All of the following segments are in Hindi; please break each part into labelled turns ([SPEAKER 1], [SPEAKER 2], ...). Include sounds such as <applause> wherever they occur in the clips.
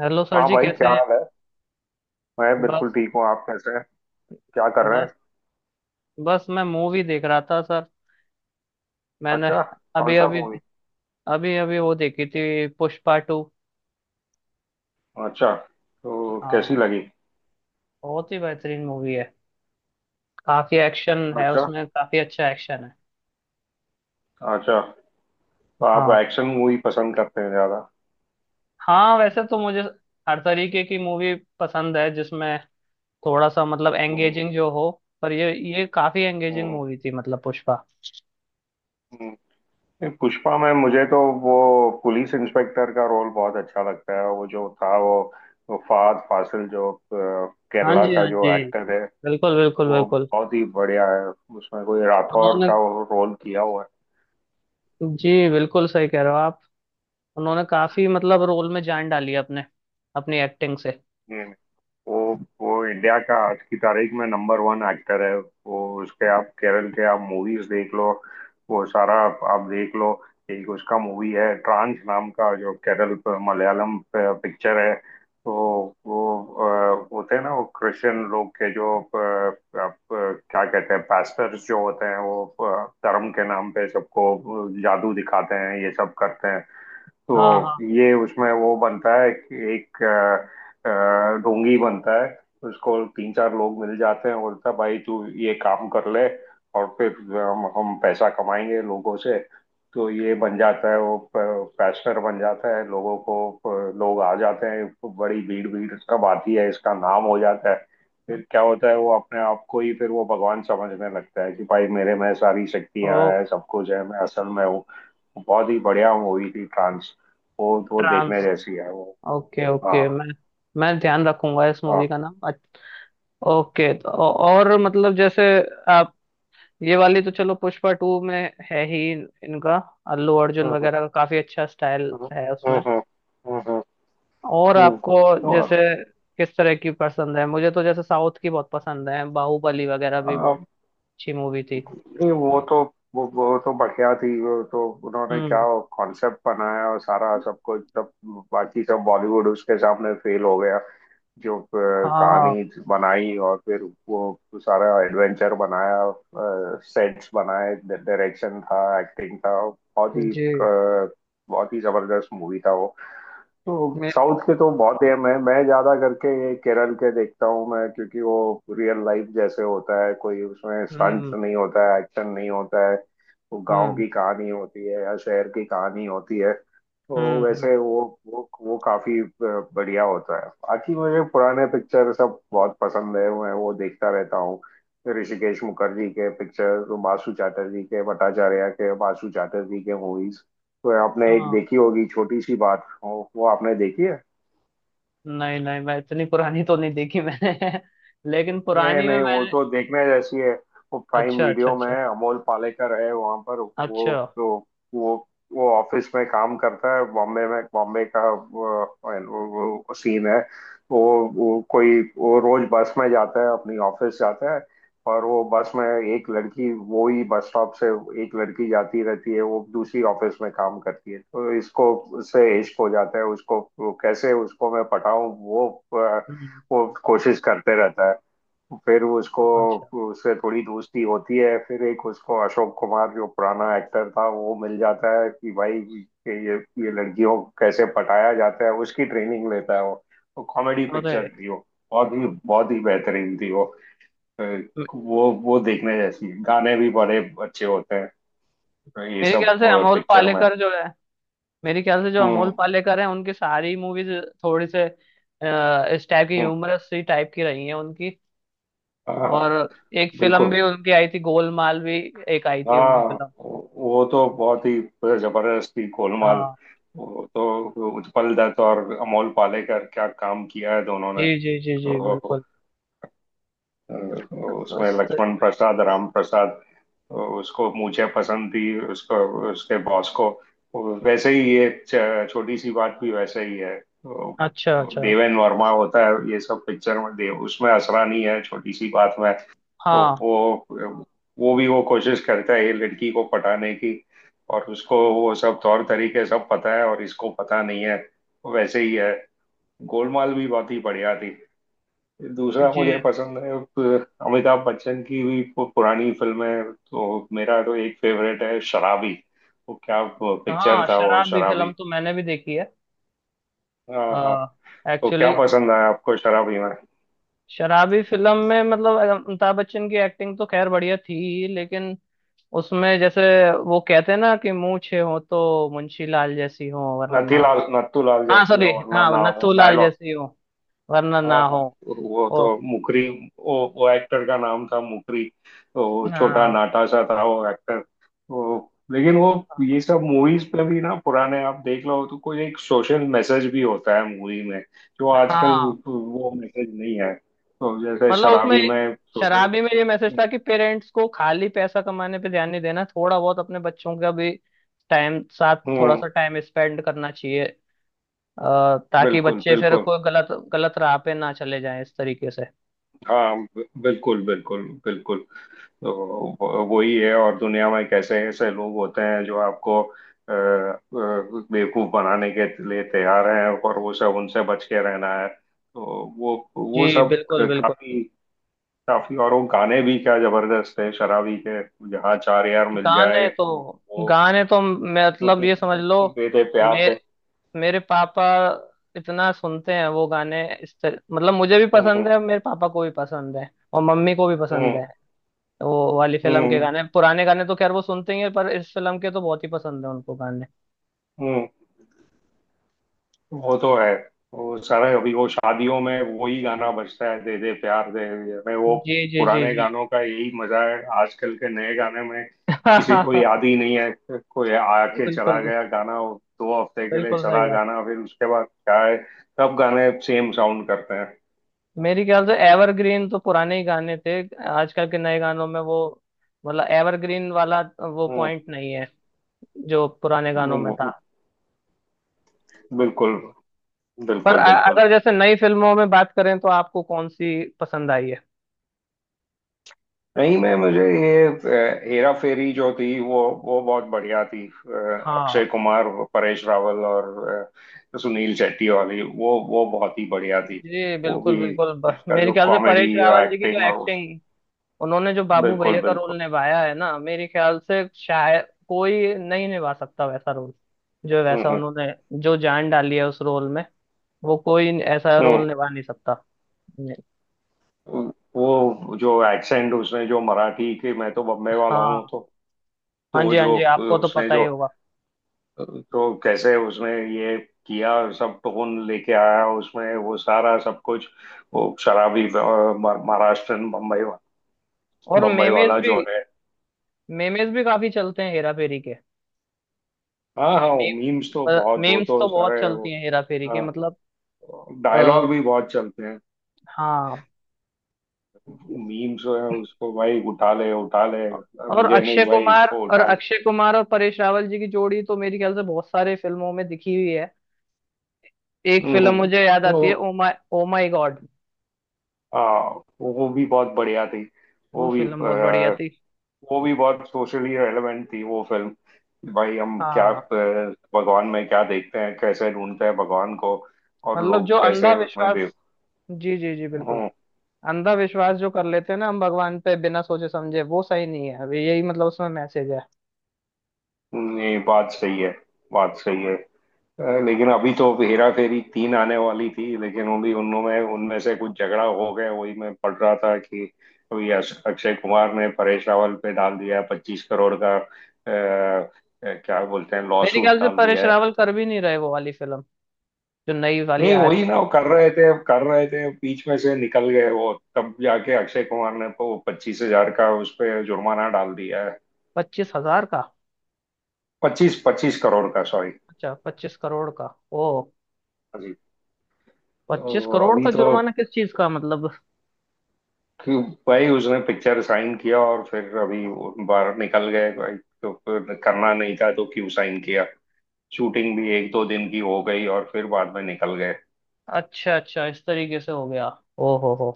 [SPEAKER 1] हेलो सर
[SPEAKER 2] हाँ
[SPEAKER 1] जी,
[SPEAKER 2] भाई,
[SPEAKER 1] कैसे
[SPEAKER 2] क्या
[SPEAKER 1] हैं?
[SPEAKER 2] हाल है। मैं बिल्कुल
[SPEAKER 1] बस।
[SPEAKER 2] ठीक हूँ, आप कैसे हैं? क्या कर रहे
[SPEAKER 1] बस।
[SPEAKER 2] हैं?
[SPEAKER 1] बस, मैं मूवी देख रहा था सर। मैंने
[SPEAKER 2] अच्छा। कौन
[SPEAKER 1] अभी
[SPEAKER 2] सा
[SPEAKER 1] अभी
[SPEAKER 2] मूवी?
[SPEAKER 1] अभी अभी वो देखी थी, पुष्पा टू।
[SPEAKER 2] अच्छा, तो कैसी
[SPEAKER 1] हाँ,
[SPEAKER 2] लगी?
[SPEAKER 1] बहुत ही बेहतरीन मूवी है। काफी एक्शन है
[SPEAKER 2] अच्छा।
[SPEAKER 1] उसमें, काफी अच्छा एक्शन है।
[SPEAKER 2] अच्छा, तो आप
[SPEAKER 1] हाँ,
[SPEAKER 2] एक्शन मूवी पसंद करते हैं ज्यादा?
[SPEAKER 1] हाँ, वैसे तो मुझे हर तरीके की मूवी पसंद है जिसमें थोड़ा सा मतलब
[SPEAKER 2] हम्म।
[SPEAKER 1] एंगेजिंग जो हो। पर ये काफी एंगेजिंग
[SPEAKER 2] हम्म,
[SPEAKER 1] मूवी थी, मतलब पुष्पा।
[SPEAKER 2] हम्म। नहीं, पुष्पा में मुझे तो वो पुलिस इंस्पेक्टर का रोल बहुत अच्छा लगता है। वो जो था वो, फहद फासिल जो
[SPEAKER 1] हाँ
[SPEAKER 2] केरला
[SPEAKER 1] जी,
[SPEAKER 2] का
[SPEAKER 1] हाँ
[SPEAKER 2] जो
[SPEAKER 1] जी,
[SPEAKER 2] एक्टर है।
[SPEAKER 1] बिल्कुल, बिल्कुल,
[SPEAKER 2] वो
[SPEAKER 1] बिल्कुल।
[SPEAKER 2] बहुत ही बढ़िया है। उसमें कोई राठौर
[SPEAKER 1] उन्होंने।
[SPEAKER 2] का वो रोल किया हुआ
[SPEAKER 1] जी, बिल्कुल सही कह रहे हो आप। उन्होंने काफी मतलब रोल में जान डाली है, अपने अपनी एक्टिंग से।
[SPEAKER 2] है। वो वो इंडिया का आज की तारीख में नंबर वन एक्टर है। वो उसके आप केरल के आप मूवीज देख लो। वो सारा आप, देख लो। एक उसका मूवी है ट्रांस नाम का, जो केरल पे, मलयालम पे पिक्चर है। तो वो होते हैं ना, वो क्रिश्चियन लोग के जो आप, क्या कहते हैं, पास्टर्स जो होते हैं, वो धर्म के नाम पे सबको जादू दिखाते हैं, ये सब करते हैं।
[SPEAKER 1] हाँ,
[SPEAKER 2] तो
[SPEAKER 1] हाँ।
[SPEAKER 2] ये, उसमें वो बनता है कि एक अ, ढोंगी बनता है। उसको 3-4 लोग मिल जाते हैं, बोलता है भाई तू ये काम कर ले, और फिर हम पैसा कमाएंगे लोगों से। तो ये बन जाता है, वो पैशनर बन जाता है लोगों को। लोग आ जाते हैं, बड़ी भीड़ भीड़ सब आती है, इसका नाम हो जाता है। फिर क्या होता है, वो अपने आप को ही फिर वो भगवान समझने लगता है कि भाई मेरे में सारी
[SPEAKER 1] ओ।
[SPEAKER 2] शक्तियां हैं, सब कुछ है, मैं असल में हूँ। बहुत ही बढ़िया मूवी थी ट्रांस। वो देखने
[SPEAKER 1] ट्रांस।
[SPEAKER 2] जैसी है वो।
[SPEAKER 1] ओके, ओके,
[SPEAKER 2] हाँ
[SPEAKER 1] मैं ध्यान रखूंगा इस मूवी का नाम ओके, तो और मतलब जैसे आप ये वाली तो चलो पुष्पा टू में है ही इनका अल्लू अर्जुन
[SPEAKER 2] हाँ।
[SPEAKER 1] वगैरह का काफी अच्छा स्टाइल
[SPEAKER 2] हम्म।
[SPEAKER 1] है उसमें।
[SPEAKER 2] हम्म। हम्म।
[SPEAKER 1] और
[SPEAKER 2] हम्म।
[SPEAKER 1] आपको
[SPEAKER 2] तो
[SPEAKER 1] जैसे किस तरह की पसंद है? मुझे तो जैसे साउथ की बहुत पसंद है, बाहुबली वगैरह भी बहुत
[SPEAKER 2] आ,
[SPEAKER 1] अच्छी मूवी थी।
[SPEAKER 2] नहीं, वो तो वो तो बढ़िया थी। वो तो उन्होंने क्या
[SPEAKER 1] हम्म।
[SPEAKER 2] कॉन्सेप्ट बनाया, और सारा सब कुछ, सब बाकी सब बॉलीवुड उसके सामने फेल हो गया। जो
[SPEAKER 1] हाँ
[SPEAKER 2] कहानी बनाई, और फिर वो सारा एडवेंचर बनाया, सेट्स बनाए, डायरेक्शन था, एक्टिंग था, बहुत ही
[SPEAKER 1] जी।
[SPEAKER 2] बहुत ही जबरदस्त मूवी था वो। तो
[SPEAKER 1] मैं।
[SPEAKER 2] साउथ के तो बहुत ही, मैं ज्यादा करके ये केरल के देखता हूँ मैं, क्योंकि वो रियल लाइफ जैसे होता है, कोई उसमें स्टंट
[SPEAKER 1] हम्म।
[SPEAKER 2] नहीं होता है, एक्शन नहीं होता है। वो गांव
[SPEAKER 1] हम्म।
[SPEAKER 2] की कहानी होती है या शहर की कहानी होती है। तो
[SPEAKER 1] हम्म।
[SPEAKER 2] वैसे वो, वो काफी बढ़िया होता है। बाकी मुझे पुराने पिक्चर सब बहुत पसंद है, मैं वो देखता रहता हूँ। ऋषिकेश मुखर्जी के पिक्चर, बासु चैटर्जी के, भट्टाचार्य के, बासु चैटर्जी के मूवीज। तो आपने एक
[SPEAKER 1] हाँ।
[SPEAKER 2] देखी होगी छोटी सी बात, वो आपने देखी है?
[SPEAKER 1] नहीं, नहीं, मैं इतनी पुरानी तो नहीं देखी मैंने। <laughs> लेकिन
[SPEAKER 2] नहीं
[SPEAKER 1] पुरानी में
[SPEAKER 2] नहीं, वो
[SPEAKER 1] मैंने।
[SPEAKER 2] तो देखने जैसी है वो। प्राइम
[SPEAKER 1] अच्छा, अच्छा,
[SPEAKER 2] वीडियो में
[SPEAKER 1] अच्छा,
[SPEAKER 2] है, अमोल पालेकर है वहां पर।
[SPEAKER 1] अच्छा।
[SPEAKER 2] वो तो, वो वो ऑफिस में काम करता है बॉम्बे में, बॉम्बे का वो, सीन है। वो वो कोई वो रोज बस में जाता है, अपनी ऑफिस जाता है, और वो बस में एक लड़की, वो ही बस स्टॉप से एक लड़की जाती रहती है, वो दूसरी ऑफिस में काम करती है, तो इसको उससे इश्क हो जाता है। उसको, वो कैसे उसको मैं पटाऊं, वो अ,
[SPEAKER 1] हम्म।
[SPEAKER 2] वो कोशिश करते रहता है। फिर उसको
[SPEAKER 1] अच्छा।
[SPEAKER 2] उससे थोड़ी दोस्ती होती है, फिर एक उसको अशोक कुमार, जो पुराना एक्टर था, वो मिल जाता है कि भाई कि ये ये लड़कियों को कैसे पटाया जाता है, उसकी ट्रेनिंग लेता है वो। वो कॉमेडी
[SPEAKER 1] अरे।
[SPEAKER 2] पिक्चर थी वो। बहुत ही, बहुत ही बेहतरीन थी वो। अ,
[SPEAKER 1] मे-
[SPEAKER 2] वो देखने जैसी है। गाने भी बड़े अच्छे होते हैं ये
[SPEAKER 1] मेरे
[SPEAKER 2] सब
[SPEAKER 1] ख्याल से अमोल
[SPEAKER 2] पिक्चर में।
[SPEAKER 1] पालेकर जो है, मेरे ख्याल से जो अमोल
[SPEAKER 2] हम्म।
[SPEAKER 1] पालेकर है उनकी सारी मूवीज थोड़ी से इस टाइप की,
[SPEAKER 2] हम्म।
[SPEAKER 1] ह्यूमरस सी टाइप की रही है उनकी।
[SPEAKER 2] हाँ हाँ।
[SPEAKER 1] और एक फिल्म
[SPEAKER 2] बिल्कुल।
[SPEAKER 1] भी उनकी आई थी, गोलमाल भी, एक आई थी
[SPEAKER 2] हाँ,
[SPEAKER 1] उनकी फिल्म।
[SPEAKER 2] वो तो बहुत ही जबरदस्त थी गोलमाल।
[SPEAKER 1] हाँ।
[SPEAKER 2] वो तो उत्पल दत्त और अमोल पालेकर, क्या काम किया है दोनों
[SPEAKER 1] जी,
[SPEAKER 2] ने।
[SPEAKER 1] जी, जी, जी,
[SPEAKER 2] तो
[SPEAKER 1] बिल्कुल। <laughs> तो-
[SPEAKER 2] उसमें लक्ष्मण प्रसाद, राम प्रसाद, उसको मुझे पसंद थी, उसको उसके बॉस को। वैसे ही ये, छोटी सी बात भी वैसे ही है। तो
[SPEAKER 1] अच्छा, अच्छा।
[SPEAKER 2] देवेन वर्मा होता है ये सब पिक्चर में, देव, उसमें असरानी है छोटी सी बात में, तो
[SPEAKER 1] हाँ
[SPEAKER 2] वो भी वो कोशिश करता है ये लड़की को पटाने की, और उसको वो सब तौर तरीके सब पता है, और इसको पता नहीं है। वैसे ही है। गोलमाल भी बहुत ही बढ़िया थी। दूसरा
[SPEAKER 1] जी,
[SPEAKER 2] मुझे पसंद है अमिताभ बच्चन की भी पुरानी फिल्में, तो मेरा तो एक फेवरेट है शराबी। वो क्या पिक्चर
[SPEAKER 1] हाँ।
[SPEAKER 2] था वो
[SPEAKER 1] शराबी फिल्म
[SPEAKER 2] शराबी।
[SPEAKER 1] तो मैंने भी देखी है।
[SPEAKER 2] हाँ हाँ। तो क्या
[SPEAKER 1] एक्चुअली,
[SPEAKER 2] पसंद है आपको शराबी में?
[SPEAKER 1] शराबी फिल्म में मतलब अमिताभ बच्चन की एक्टिंग तो खैर बढ़िया थी ही, लेकिन उसमें जैसे वो कहते हैं ना, कि मूछें हो तो मुंशी लाल जैसी हो वरना ना
[SPEAKER 2] नथीलाल
[SPEAKER 1] हो।
[SPEAKER 2] नथुलाल
[SPEAKER 1] हाँ,
[SPEAKER 2] जैसी
[SPEAKER 1] सॉरी।
[SPEAKER 2] हो वरना
[SPEAKER 1] हाँ,
[SPEAKER 2] ना हो।
[SPEAKER 1] नथु लाल जैसी हो वरना
[SPEAKER 2] हाँ
[SPEAKER 1] ना
[SPEAKER 2] हाँ।
[SPEAKER 1] हो।
[SPEAKER 2] तो वो
[SPEAKER 1] ओ।
[SPEAKER 2] तो मुकरी, वो एक्टर का नाम था, मुकरी। तो छोटा
[SPEAKER 1] हाँ,
[SPEAKER 2] नाटा सा था वो एक्टर। वो, लेकिन वो
[SPEAKER 1] हाँ,
[SPEAKER 2] ये सब मूवीज पे भी ना, पुराने आप देख लो तो, कोई एक सोशल मैसेज भी होता है मूवी में, जो आजकल
[SPEAKER 1] हाँ।
[SPEAKER 2] वो मैसेज नहीं है। तो जैसे
[SPEAKER 1] मतलब उसमें,
[SPEAKER 2] शराबी में सोशल।
[SPEAKER 1] शराबी में ये मैसेज था कि पेरेंट्स को खाली पैसा कमाने पे ध्यान नहीं देना, थोड़ा बहुत अपने बच्चों का भी टाइम साथ, थोड़ा
[SPEAKER 2] हम्म।
[SPEAKER 1] सा टाइम स्पेंड करना चाहिए ताकि
[SPEAKER 2] बिल्कुल
[SPEAKER 1] बच्चे फिर
[SPEAKER 2] बिल्कुल।
[SPEAKER 1] कोई गलत गलत राह पे ना चले जाएं, इस तरीके से।
[SPEAKER 2] हाँ बिल्कुल बिल्कुल बिल्कुल। तो वही है, और दुनिया में कैसे ऐसे लोग होते हैं जो आपको अ, अ, बेवकूफ बनाने के लिए तैयार हैं, और वो सब उनसे बच के रहना है। तो वो
[SPEAKER 1] जी,
[SPEAKER 2] सब
[SPEAKER 1] बिल्कुल, बिल्कुल।
[SPEAKER 2] काफी काफी, और वो गाने भी क्या जबरदस्त है शराबी के, जहाँ चार यार मिल जाए
[SPEAKER 1] गाने
[SPEAKER 2] वो
[SPEAKER 1] तो
[SPEAKER 2] वो
[SPEAKER 1] गाने तो
[SPEAKER 2] <laughs>
[SPEAKER 1] मतलब ये समझ लो।
[SPEAKER 2] दे दे प्यार
[SPEAKER 1] मे,
[SPEAKER 2] दे।
[SPEAKER 1] मेरे पापा इतना सुनते हैं वो गाने, मतलब मुझे भी
[SPEAKER 2] हम्म
[SPEAKER 1] पसंद
[SPEAKER 2] हम्म
[SPEAKER 1] है, मेरे पापा को भी पसंद है, और मम्मी को भी पसंद
[SPEAKER 2] हम्म
[SPEAKER 1] है। वो वाली फिल्म के
[SPEAKER 2] हम्म।
[SPEAKER 1] गाने, पुराने गाने तो खैर वो सुनते ही हैं, पर इस फिल्म के तो बहुत ही पसंद है उनको गाने।
[SPEAKER 2] हम्म। वो तो है, वो सारा अभी वो शादियों में वही गाना बजता है, दे दे प्यार दे दे में वो।
[SPEAKER 1] जी, जी, जी,
[SPEAKER 2] पुराने
[SPEAKER 1] जी।
[SPEAKER 2] गानों का यही मजा है, आजकल के नए गाने में किसी को
[SPEAKER 1] <laughs>
[SPEAKER 2] याद ही नहीं है। कोई आके चला
[SPEAKER 1] बिल्कुल,
[SPEAKER 2] गया गाना, वो 2 हफ्ते के लिए
[SPEAKER 1] बिल्कुल सही
[SPEAKER 2] चला
[SPEAKER 1] बात।
[SPEAKER 2] गाना, फिर उसके बाद क्या है, सब गाने सेम साउंड करते हैं।
[SPEAKER 1] मेरी ख्याल से एवरग्रीन तो पुराने ही गाने थे, आजकल के नए गानों में वो, मतलब एवरग्रीन वाला वो
[SPEAKER 2] हम्म,
[SPEAKER 1] पॉइंट नहीं है जो पुराने गानों में था।
[SPEAKER 2] बिल्कुल
[SPEAKER 1] पर
[SPEAKER 2] बिल्कुल बिल्कुल।
[SPEAKER 1] अगर जैसे नई फिल्मों में बात करें तो आपको कौन सी पसंद आई है?
[SPEAKER 2] नहीं, मैं, मुझे ये हेरा फेरी जो थी वो बहुत बढ़िया थी। अक्षय
[SPEAKER 1] हाँ
[SPEAKER 2] कुमार, परेश रावल, और सुनील शेट्टी वाली, वो बहुत ही बढ़िया थी।
[SPEAKER 1] जी,
[SPEAKER 2] वो
[SPEAKER 1] बिल्कुल,
[SPEAKER 2] भी,
[SPEAKER 1] बिल्कुल,
[SPEAKER 2] उसका
[SPEAKER 1] मेरे
[SPEAKER 2] जो
[SPEAKER 1] ख्याल से परेश
[SPEAKER 2] कॉमेडी
[SPEAKER 1] रावल जी की जो
[SPEAKER 2] एक्टिंग और उस।
[SPEAKER 1] एक्टिंग, उन्होंने जो बाबू
[SPEAKER 2] बिल्कुल
[SPEAKER 1] भैया का
[SPEAKER 2] बिल्कुल।
[SPEAKER 1] रोल निभाया है ना, मेरे ख्याल से शायद कोई नहीं निभा सकता वैसा रोल। जो वैसा
[SPEAKER 2] हम्म।
[SPEAKER 1] उन्होंने जो जान डाली है उस रोल में, वो कोई ऐसा
[SPEAKER 2] हम्म।
[SPEAKER 1] रोल निभा नहीं सकता। नहीं।
[SPEAKER 2] हम्म। वो जो एक्सेंट उसने, जो मराठी के, मैं तो बम्बे वाला हूँ
[SPEAKER 1] हाँ।
[SPEAKER 2] तो
[SPEAKER 1] हाँ
[SPEAKER 2] तो
[SPEAKER 1] जी, हाँ
[SPEAKER 2] जो
[SPEAKER 1] जी, आपको तो
[SPEAKER 2] उसने
[SPEAKER 1] पता ही
[SPEAKER 2] जो,
[SPEAKER 1] होगा।
[SPEAKER 2] तो कैसे उसने ये किया, सब टोन लेके आया उसमें, वो सारा सब कुछ। वो शराबी, महाराष्ट्रन,
[SPEAKER 1] और
[SPEAKER 2] बम्बई
[SPEAKER 1] मेमेज
[SPEAKER 2] वाला
[SPEAKER 1] भी
[SPEAKER 2] जो है।
[SPEAKER 1] मेमेज भी काफी चलते हैं हेरा फेरी के।
[SPEAKER 2] हाँ हाँ। वो मीम्स तो बहुत, वो
[SPEAKER 1] मेम्स
[SPEAKER 2] तो
[SPEAKER 1] तो बहुत
[SPEAKER 2] सारे
[SPEAKER 1] चलती हैं हेरा फेरी के, मतलब आ,
[SPEAKER 2] डायलॉग भी बहुत चलते हैं।
[SPEAKER 1] हाँ।
[SPEAKER 2] मीम्स है उसको, भाई उठा ले, उठा ले,
[SPEAKER 1] और
[SPEAKER 2] मुझे
[SPEAKER 1] अक्षय
[SPEAKER 2] नहीं, भाई
[SPEAKER 1] कुमार,
[SPEAKER 2] इसको उठा ले।
[SPEAKER 1] और परेश रावल जी की जोड़ी तो मेरे ख्याल से बहुत सारे फिल्मों में दिखी हुई है। एक
[SPEAKER 2] हम्म,
[SPEAKER 1] फिल्म
[SPEAKER 2] हम्म।
[SPEAKER 1] मुझे याद
[SPEAKER 2] तो
[SPEAKER 1] आती है, ओ माय गॉड।
[SPEAKER 2] हाँ, वो भी बहुत बढ़िया थी।
[SPEAKER 1] वो
[SPEAKER 2] वो भी,
[SPEAKER 1] फिल्म बहुत बढ़िया थी।
[SPEAKER 2] वो भी बहुत सोशली रेलेवेंट थी वो फिल्म। भाई हम क्या
[SPEAKER 1] हाँ,
[SPEAKER 2] भगवान में क्या देखते हैं, कैसे ढूंढते हैं भगवान को, और
[SPEAKER 1] मतलब
[SPEAKER 2] लोग
[SPEAKER 1] जो अंधा
[SPEAKER 2] कैसे उसमें बे।
[SPEAKER 1] विश्वास। जी, जी, जी, बिल्कुल।
[SPEAKER 2] हूँ।
[SPEAKER 1] अंधा विश्वास जो कर लेते हैं ना हम भगवान पे बिना सोचे समझे, वो सही नहीं है, अभी यही मतलब उसमें मैसेज है।
[SPEAKER 2] ये बात सही है। बात सही है। लेकिन अभी तो हेरा फेरी 3 आने वाली थी, लेकिन अभी उनमें उनमें से कुछ झगड़ा हो गया। वही मैं पढ़ रहा था कि अभी, अक्षय कुमार ने परेश रावल पे डाल दिया 25 करोड़ का क्या बोलते हैं, लॉ
[SPEAKER 1] मेरे
[SPEAKER 2] सूट
[SPEAKER 1] ख्याल से
[SPEAKER 2] डाल
[SPEAKER 1] परेश
[SPEAKER 2] दिया है।
[SPEAKER 1] रावल कर भी नहीं रहे वो वाली फिल्म, जो नई वाली
[SPEAKER 2] नहीं
[SPEAKER 1] आ
[SPEAKER 2] वही
[SPEAKER 1] रही।
[SPEAKER 2] ना, वो कर रहे थे, बीच में से निकल गए वो, तब जाके अक्षय कुमार ने तो 25 हज़ार का उस पे जुर्माना डाल दिया है।
[SPEAKER 1] 25,000 का?
[SPEAKER 2] पच्चीस 25 करोड़ का, सॉरी।
[SPEAKER 1] अच्छा, 25 करोड़ का। ओ।
[SPEAKER 2] अभी
[SPEAKER 1] पच्चीस
[SPEAKER 2] तो,
[SPEAKER 1] करोड़
[SPEAKER 2] अभी
[SPEAKER 1] का
[SPEAKER 2] तो
[SPEAKER 1] जुर्माना? किस चीज का मतलब?
[SPEAKER 2] कि भाई, उसने पिक्चर साइन किया और फिर अभी वो बाहर निकल गए भाई। तो फिर करना नहीं था तो क्यों साइन किया। शूटिंग भी 1-2 दिन की हो गई और फिर बाद में निकल गए।
[SPEAKER 1] अच्छा, अच्छा, इस तरीके से हो गया। ओ हो हो।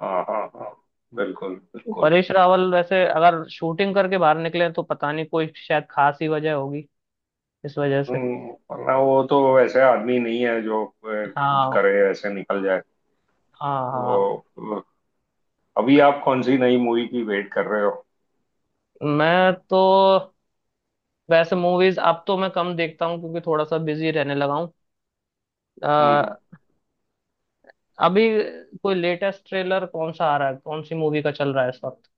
[SPEAKER 2] हाँ हाँ हाँ, बिल्कुल बिल्कुल।
[SPEAKER 1] परेश रावल वैसे अगर शूटिंग करके बाहर निकले तो पता नहीं, कोई शायद खास ही वजह होगी इस वजह से।
[SPEAKER 2] वरना वो तो वैसे आदमी नहीं है जो कुछ
[SPEAKER 1] हाँ,
[SPEAKER 2] करे ऐसे निकल जाए।
[SPEAKER 1] हाँ, हाँ।
[SPEAKER 2] तो अ, अभी आप कौन सी नई मूवी की वेट कर रहे हो?
[SPEAKER 1] मैं तो वैसे मूवीज अब तो मैं कम देखता हूँ क्योंकि थोड़ा सा बिजी रहने लगा हूँ।
[SPEAKER 2] हम्म।
[SPEAKER 1] अ, अभी कोई लेटेस्ट ट्रेलर कौन सा आ रहा है, कौन सी मूवी का चल रहा है इस वक्त?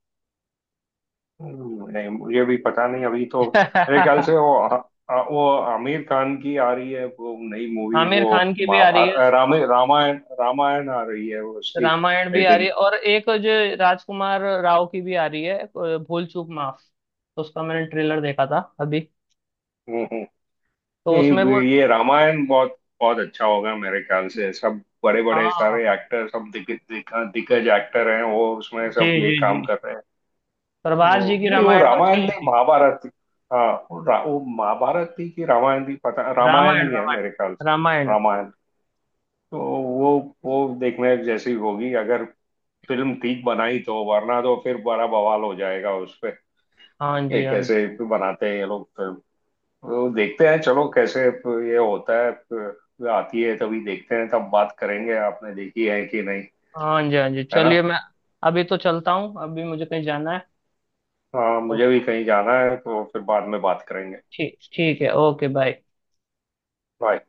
[SPEAKER 2] नहीं, मुझे भी पता नहीं अभी तो। मेरे ख्याल
[SPEAKER 1] <laughs>
[SPEAKER 2] से वो, आ, आ, वो आमिर खान की आ रही है वो, नई मूवी
[SPEAKER 1] आमिर
[SPEAKER 2] वो,
[SPEAKER 1] खान की भी आ रही
[SPEAKER 2] महाभारत,
[SPEAKER 1] है।
[SPEAKER 2] रामायण, रामायण, रामायण आ रही है वो उसकी।
[SPEAKER 1] रामायण भी
[SPEAKER 2] आई
[SPEAKER 1] आ रही है, और एक जो राजकुमार राव की भी आ रही है, भूल चूक माफ, उसका मैंने ट्रेलर देखा था अभी,
[SPEAKER 2] थिंक
[SPEAKER 1] तो
[SPEAKER 2] नहीं,
[SPEAKER 1] उसमें वो।
[SPEAKER 2] ये रामायण बहुत बहुत अच्छा होगा मेरे ख्याल से। सब बड़े बड़े
[SPEAKER 1] हाँ
[SPEAKER 2] सारे एक्टर सब, दिग, दिग, दिग्गज एक्टर हैं वो, उसमें
[SPEAKER 1] जी,
[SPEAKER 2] सब ये
[SPEAKER 1] जी, जी।
[SPEAKER 2] काम कर रहे हैं
[SPEAKER 1] प्रभास जी
[SPEAKER 2] तो।
[SPEAKER 1] की
[SPEAKER 2] नहीं, वो
[SPEAKER 1] रामायण तो अच्छी
[SPEAKER 2] रामायण
[SPEAKER 1] नहीं
[SPEAKER 2] नहीं,
[SPEAKER 1] थी।
[SPEAKER 2] महाभारत थी। हाँ वो, वो महाभारत थी कि रामायण थी, पता, रामायण
[SPEAKER 1] रामायण,
[SPEAKER 2] ही है मेरे ख्याल
[SPEAKER 1] रामायण,
[SPEAKER 2] से।
[SPEAKER 1] रामायण।
[SPEAKER 2] रामायण। तो वो देखने जैसी होगी अगर फिल्म ठीक बनाई, तो वरना तो फिर बड़ा बवाल हो जाएगा उस पे।
[SPEAKER 1] हाँ
[SPEAKER 2] ये
[SPEAKER 1] जी, हाँ जी,
[SPEAKER 2] कैसे बनाते हैं ये लोग फिल्म, वो देखते हैं चलो कैसे ये होता है। आती है तभी देखते हैं, तब बात करेंगे आपने देखी है कि नहीं,
[SPEAKER 1] हाँ जी, हाँ जी,
[SPEAKER 2] है ना?
[SPEAKER 1] चलिए मैं अभी तो चलता हूँ, अभी मुझे कहीं जाना है।
[SPEAKER 2] हाँ,
[SPEAKER 1] तो
[SPEAKER 2] मुझे भी कहीं जाना है, तो फिर बाद में बात करेंगे।
[SPEAKER 1] ठीक ठीक है, ओके, बाय।
[SPEAKER 2] बाय।